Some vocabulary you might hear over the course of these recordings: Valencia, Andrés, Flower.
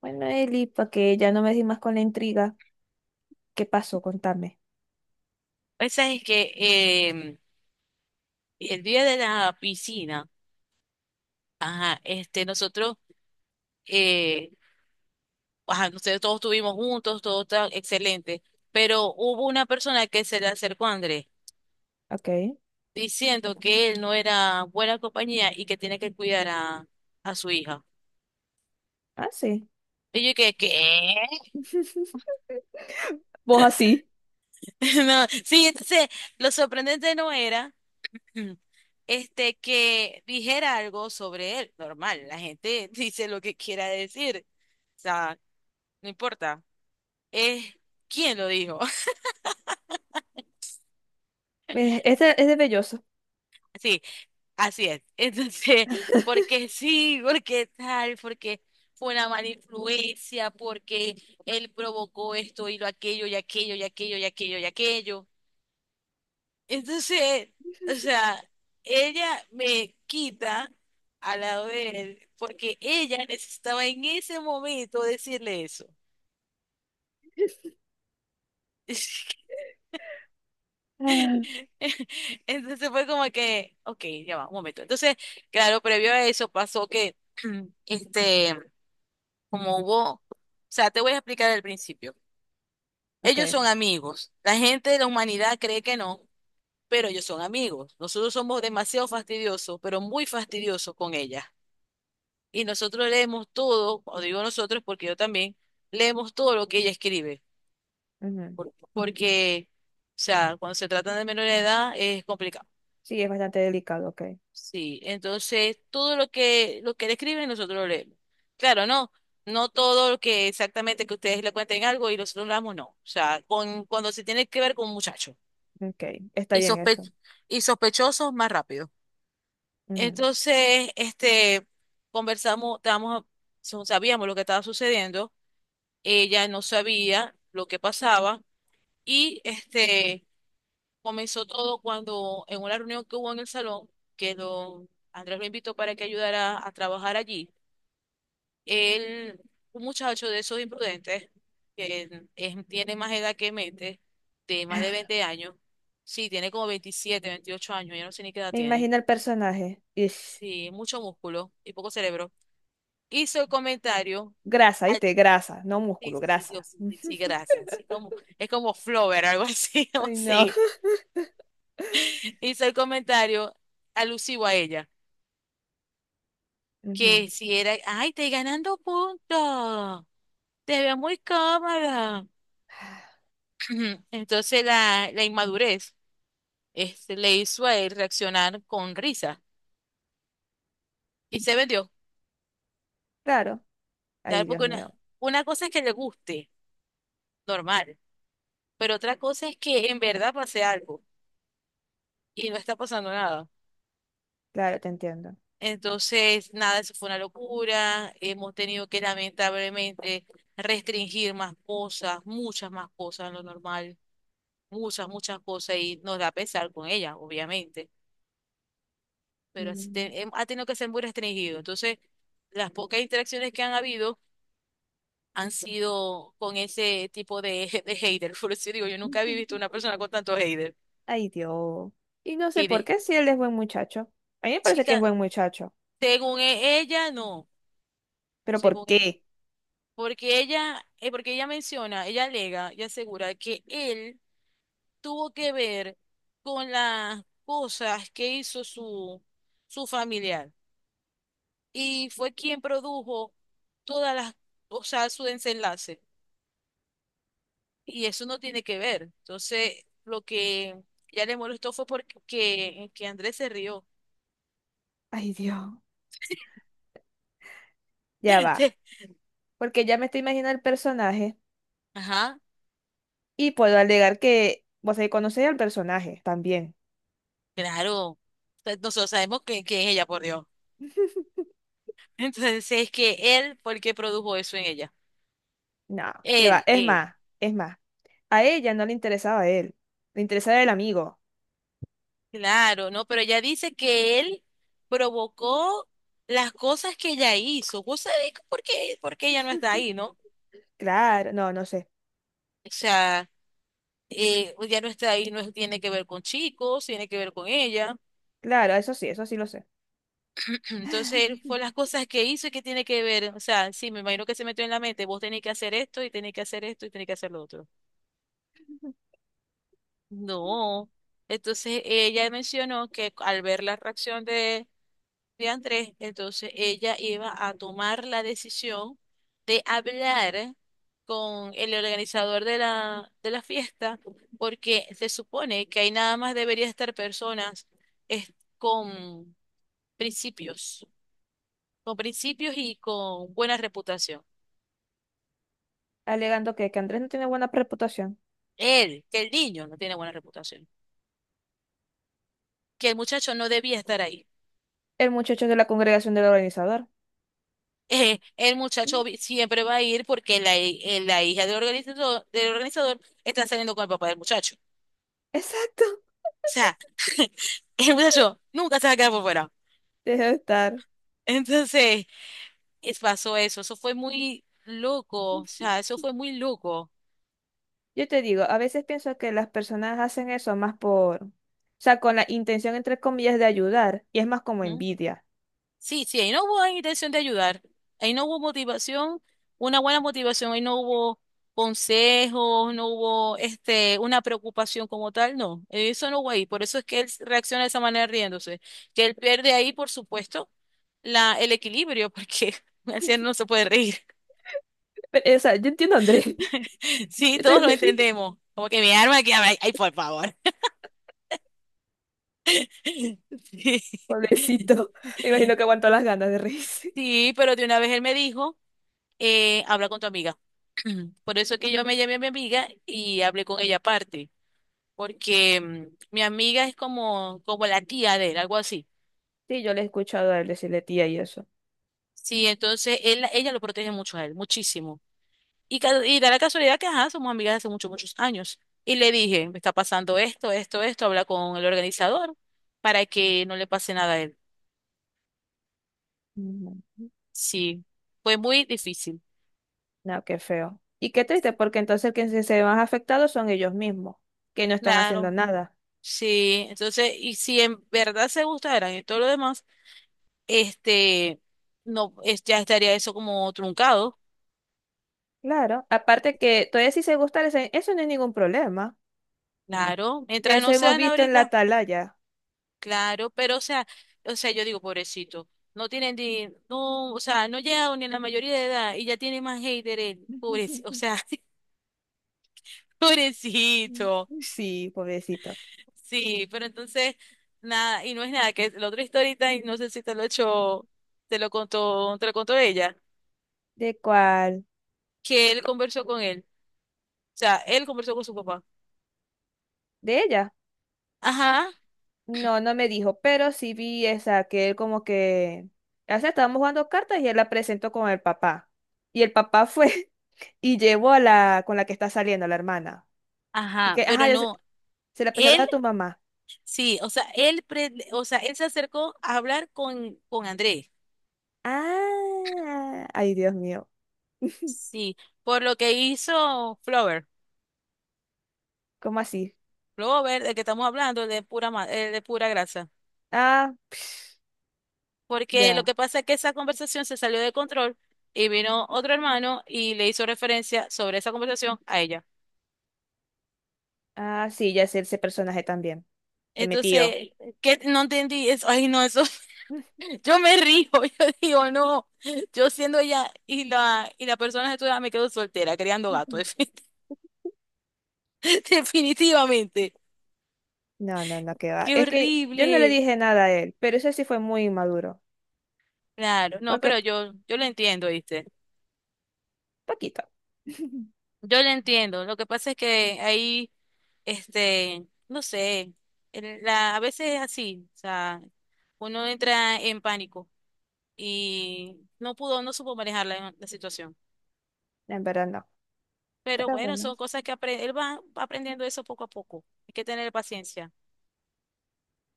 Bueno, Eli, para que ya no me di más con la intriga, ¿qué pasó? Contame. Esa es que em, el día de la piscina, ajá, este, eh, ajá, nosotros todos estuvimos juntos, todo tan excelente, pero hubo una persona que se le acercó a Andrés Ok. diciendo que él no era buena compañía y que tiene que cuidar a su hija. Ah, sí. Y yo que, ¿qué? Vos así. No, sí, entonces lo sorprendente no era. Mm. Este, que dijera algo sobre él. Normal, la gente dice lo que quiera decir. O sea, no importa. Es quién lo dijo. Este es de velloso. Sí, así es. Entonces, porque sí, porque tal, porque fue una mala influencia, porque él provocó esto y lo aquello y aquello y aquello y aquello y aquello. Entonces, o sea, ella me quita a de él porque ella necesitaba en ese momento decirle eso. Ah, Entonces fue como que, ok, ya va, un momento. Entonces, claro, previo a eso pasó que, este, como hubo, o sea, te voy a explicar al principio. ok. Ellos son amigos. La gente de la humanidad cree que no, pero ellos son amigos. Nosotros somos demasiado fastidiosos, pero muy fastidiosos con ella. Y nosotros leemos todo, o digo nosotros porque yo también, leemos todo lo que ella escribe, Ujú. Porque, o sea, cuando se trata de menor de edad es complicado. Sí, es bastante delicado. Ok. Sí, entonces todo lo que le escriben nosotros lo leemos. Claro, no, no todo lo que exactamente que ustedes le cuenten algo y nosotros lo damos, no. O sea, cuando se tiene que ver con muchachos Ok. Está y bien eso. Sospechosos más rápido. Ujú. Entonces, este, conversamos, estábamos, sabíamos lo que estaba sucediendo. Ella no sabía lo que pasaba, y este comenzó todo cuando en una reunión que hubo en el salón, que don Andrés lo invitó para que ayudara a trabajar allí, él, un muchacho de esos imprudentes, que tiene más edad que Mete, de más de 20 años, sí, tiene como 27 28 años, yo no sé ni qué edad Me tiene, imagino el personaje. Ish. sí, mucho músculo y poco cerebro, hizo el comentario. Grasa, ¿viste? Grasa, no Sí, músculo, sí, Dios, grasa. sí, sí, sí, Ujú. grasa, así como, es como Flover, algo así, no Ay, no. sé. Hizo el comentario alusivo a ella, Ujú. que si era, ay, estoy ganando puntos, te veo muy cómoda. Entonces la inmadurez este, le hizo a él reaccionar con risa y se vendió, Claro. Ay, ¿sabes? Dios Porque una, mío. una cosa es que le guste, normal, pero otra cosa es que en verdad pase algo y no está pasando nada. Claro, te entiendo. Entonces, nada, eso fue una locura. Hemos tenido que lamentablemente restringir más cosas, muchas más cosas en lo normal, muchas, muchas cosas y nos da pesar con ella, obviamente, pero así Mm. Ha tenido que ser muy restringido. Entonces, las pocas interacciones que han habido han sido con ese tipo de, de hater. Por eso digo, yo nunca había visto una persona con tanto hater. Ay, Dios. Y no sé Que de, por qué si él es buen muchacho. A mí me parece que es chica, buen muchacho. según ella, no, Pero ¿por según ella. qué? Porque ella menciona, ella alega y asegura que él tuvo que ver con las cosas que hizo su familiar y fue quien produjo todas las, o sea, su desenlace. Y eso no tiene que ver. Entonces, lo que ya le molestó fue porque que Andrés se rió. Ay, Dios. Ya va. Porque ya me estoy imaginando el personaje Ajá, y puedo alegar que vos ahí conocéis al personaje también. claro. Entonces, nosotros sabemos que es ella, por Dios. ¿Entonces, es que él, porque produjo eso en ella? No, qué va. Él, Es él. más, es más. A ella no le interesaba a él. Le interesaba el amigo. Claro, no, pero ella dice que él provocó las cosas que ella hizo. ¿Vos sabés por qué? Porque ella no está ahí, ¿no? Claro, no, no sé. O sea, ella no está ahí, no tiene que ver con chicos, tiene que ver con ella. Claro, eso sí lo sé. Entonces, fue las cosas que hizo y que tiene que ver. O sea, sí, me imagino que se metió en la mente, vos tenés que hacer esto y tenés que hacer esto y tenés que hacer lo otro. No. Entonces, ella mencionó que al ver la reacción de Andrés, entonces ella iba a tomar la decisión de hablar con el organizador de la fiesta, porque se supone que ahí nada más debería estar personas es- con principios, con principios y con buena reputación. Alegando que Andrés no tiene buena reputación. Él, que el niño no tiene buena reputación, que el muchacho no debía estar ahí. El muchacho es de la congregación del organizador. El Mm, muchacho siempre va a ir porque la hija del organizador está saliendo con el papá del muchacho. exacto. Sea, el muchacho nunca se va a quedar por fuera. Debe estar. Entonces, pasó eso. Eso fue muy loco. O sea, eso fue muy loco. Yo te digo, a veces pienso que las personas hacen eso más por, o sea, con la intención, entre comillas, de ayudar, y es más como ¿Mm? envidia. Sí, sí, ahí no hubo intención de ayudar. Ahí no hubo motivación, una buena motivación. Ahí no hubo consejos, no hubo este, una preocupación como tal. No, eso no hubo ahí. Por eso es que él reacciona de esa manera riéndose. Que él pierde ahí, por supuesto, el equilibrio, porque un anciano no se puede reír. Pero, o sea, yo entiendo a Andrés, Sí, yo todos también lo me entendemos. Como que mi arma que ay, ay, por favor. Sí, pobrecito, me imagino que aguantó las ganas de reírse. sí, pero de una vez él me dijo, habla con tu amiga. Por eso es que yo me llamé a mi amiga y hablé con ella aparte, porque mi amiga es como, la tía de él, algo así. Sí, yo le he escuchado a él decirle tía y eso. Sí, entonces ella lo protege mucho a él, muchísimo. Y da la casualidad que, ajá, somos amigas de hace muchos, muchos años. Y le dije, me está pasando esto, esto, esto, habla con el organizador para que no le pase nada a él. Mm, Sí, fue muy difícil. no, qué feo. Y qué triste, porque entonces quienes se ven más afectados son ellos mismos, que no están haciendo Claro, nada. sí. Entonces, y si en verdad se gustaran y todo lo demás, este, no, ya estaría eso como truncado. Claro, aparte que todavía si se gusta, eso no es ningún problema. Claro, Ya mientras eso no hemos sean visto en la ahorita, atalaya. claro, pero o sea, yo digo, pobrecito, no tienen ni, no, o sea, no llegaron ni a la mayoría de edad y ya tienen más haters, pobrecito, o sea, pobrecito. Sí, pobrecito. Sí, pero entonces, nada, y no es nada, que la otra historita, y no sé si te lo he hecho, te lo contó ella, ¿De cuál? que él conversó con él, o sea, él conversó con su papá. ¿De ella? Ajá, No, no me dijo, pero sí vi esa, que él como que... O sea, estábamos jugando cartas y él la presentó con el papá. Y el papá fue y llevó a la con la que está saliendo, la hermana. Y ajá, que, pero ajá, ya se, no, se la presentaste él, a tu mamá. sí, o sea, él se acercó a hablar con Andrés, Ah, ay, Dios mío. sí, por lo que hizo Flower, ¿Cómo así? Flower, del que estamos hablando, el de pura grasa. Ah, Porque lo ya. que pasa es que esa conversación se salió de control y vino otro hermano y le hizo referencia sobre esa conversación a ella. Ah, sí, ya sé ese personaje también, de mi tío. Entonces, ¿qué? No entendí eso. Ay, no, eso. Yo me río. Yo digo, no. Yo siendo ella y y la persona de tu edad me quedo soltera, criando gatos. Definitivamente. No, no, no, que va. Qué Es que yo no le horrible. dije nada a él, pero eso sí fue muy inmaduro. Claro, no, Porque, pero yo lo entiendo, ¿viste? poquito. Yo lo entiendo. Lo que pasa es que ahí. Este, no sé, a veces es así, o sea, uno entra en pánico y no supo manejar la situación. En verdad no. Pero Pero bueno, bueno. son cosas que aprende, él va aprendiendo eso poco a poco. Hay que tener paciencia.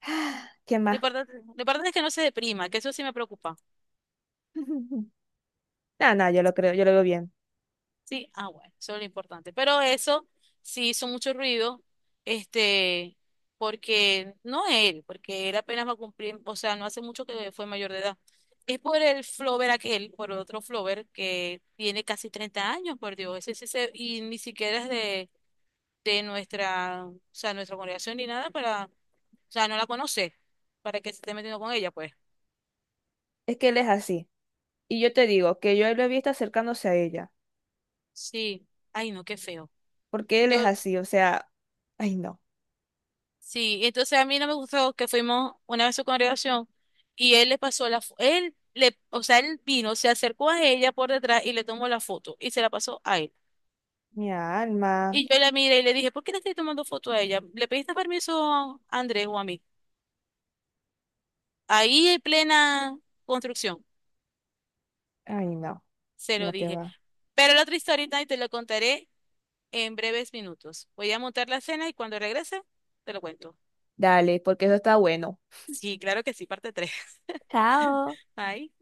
¿Qué Lo más? importante, lo importante es que no se deprima, que eso sí me preocupa. No, no, yo lo creo, yo lo veo bien. Sí, ah, bueno, eso es lo importante. Pero eso sí hizo mucho ruido, este, porque no él, porque él apenas va a cumplir, o sea, no hace mucho que fue mayor de edad. Es por el flover aquel, por otro flover que tiene casi 30 años, por Dios, ese, y ni siquiera es de nuestra, o sea, nuestra congregación ni nada para, o sea, no la conoce, para que se esté metiendo con ella, pues. Es que él es así. Y yo te digo que yo lo he visto acercándose a ella. Sí, ay, no, qué feo. Porque él es Yo así, o sea, ay no. Sí, entonces a mí no me gustó que fuimos una vez a su congregación y él le pasó la, fo- él le, o sea, él vino, se acercó a ella por detrás y le tomó la foto y se la pasó a él. Mi alma. Y yo la miré y le dije, ¿por qué le estoy tomando foto a ella? ¿Le pediste permiso a Andrés o a mí? Ahí en plena construcción, Ay no. se lo Lo que dije. va. Pero la otra historia y te lo contaré en breves minutos. Voy a montar la cena y cuando regrese, te lo cuento. Dale, porque eso está bueno. Sí, claro que sí, parte 3. Bye.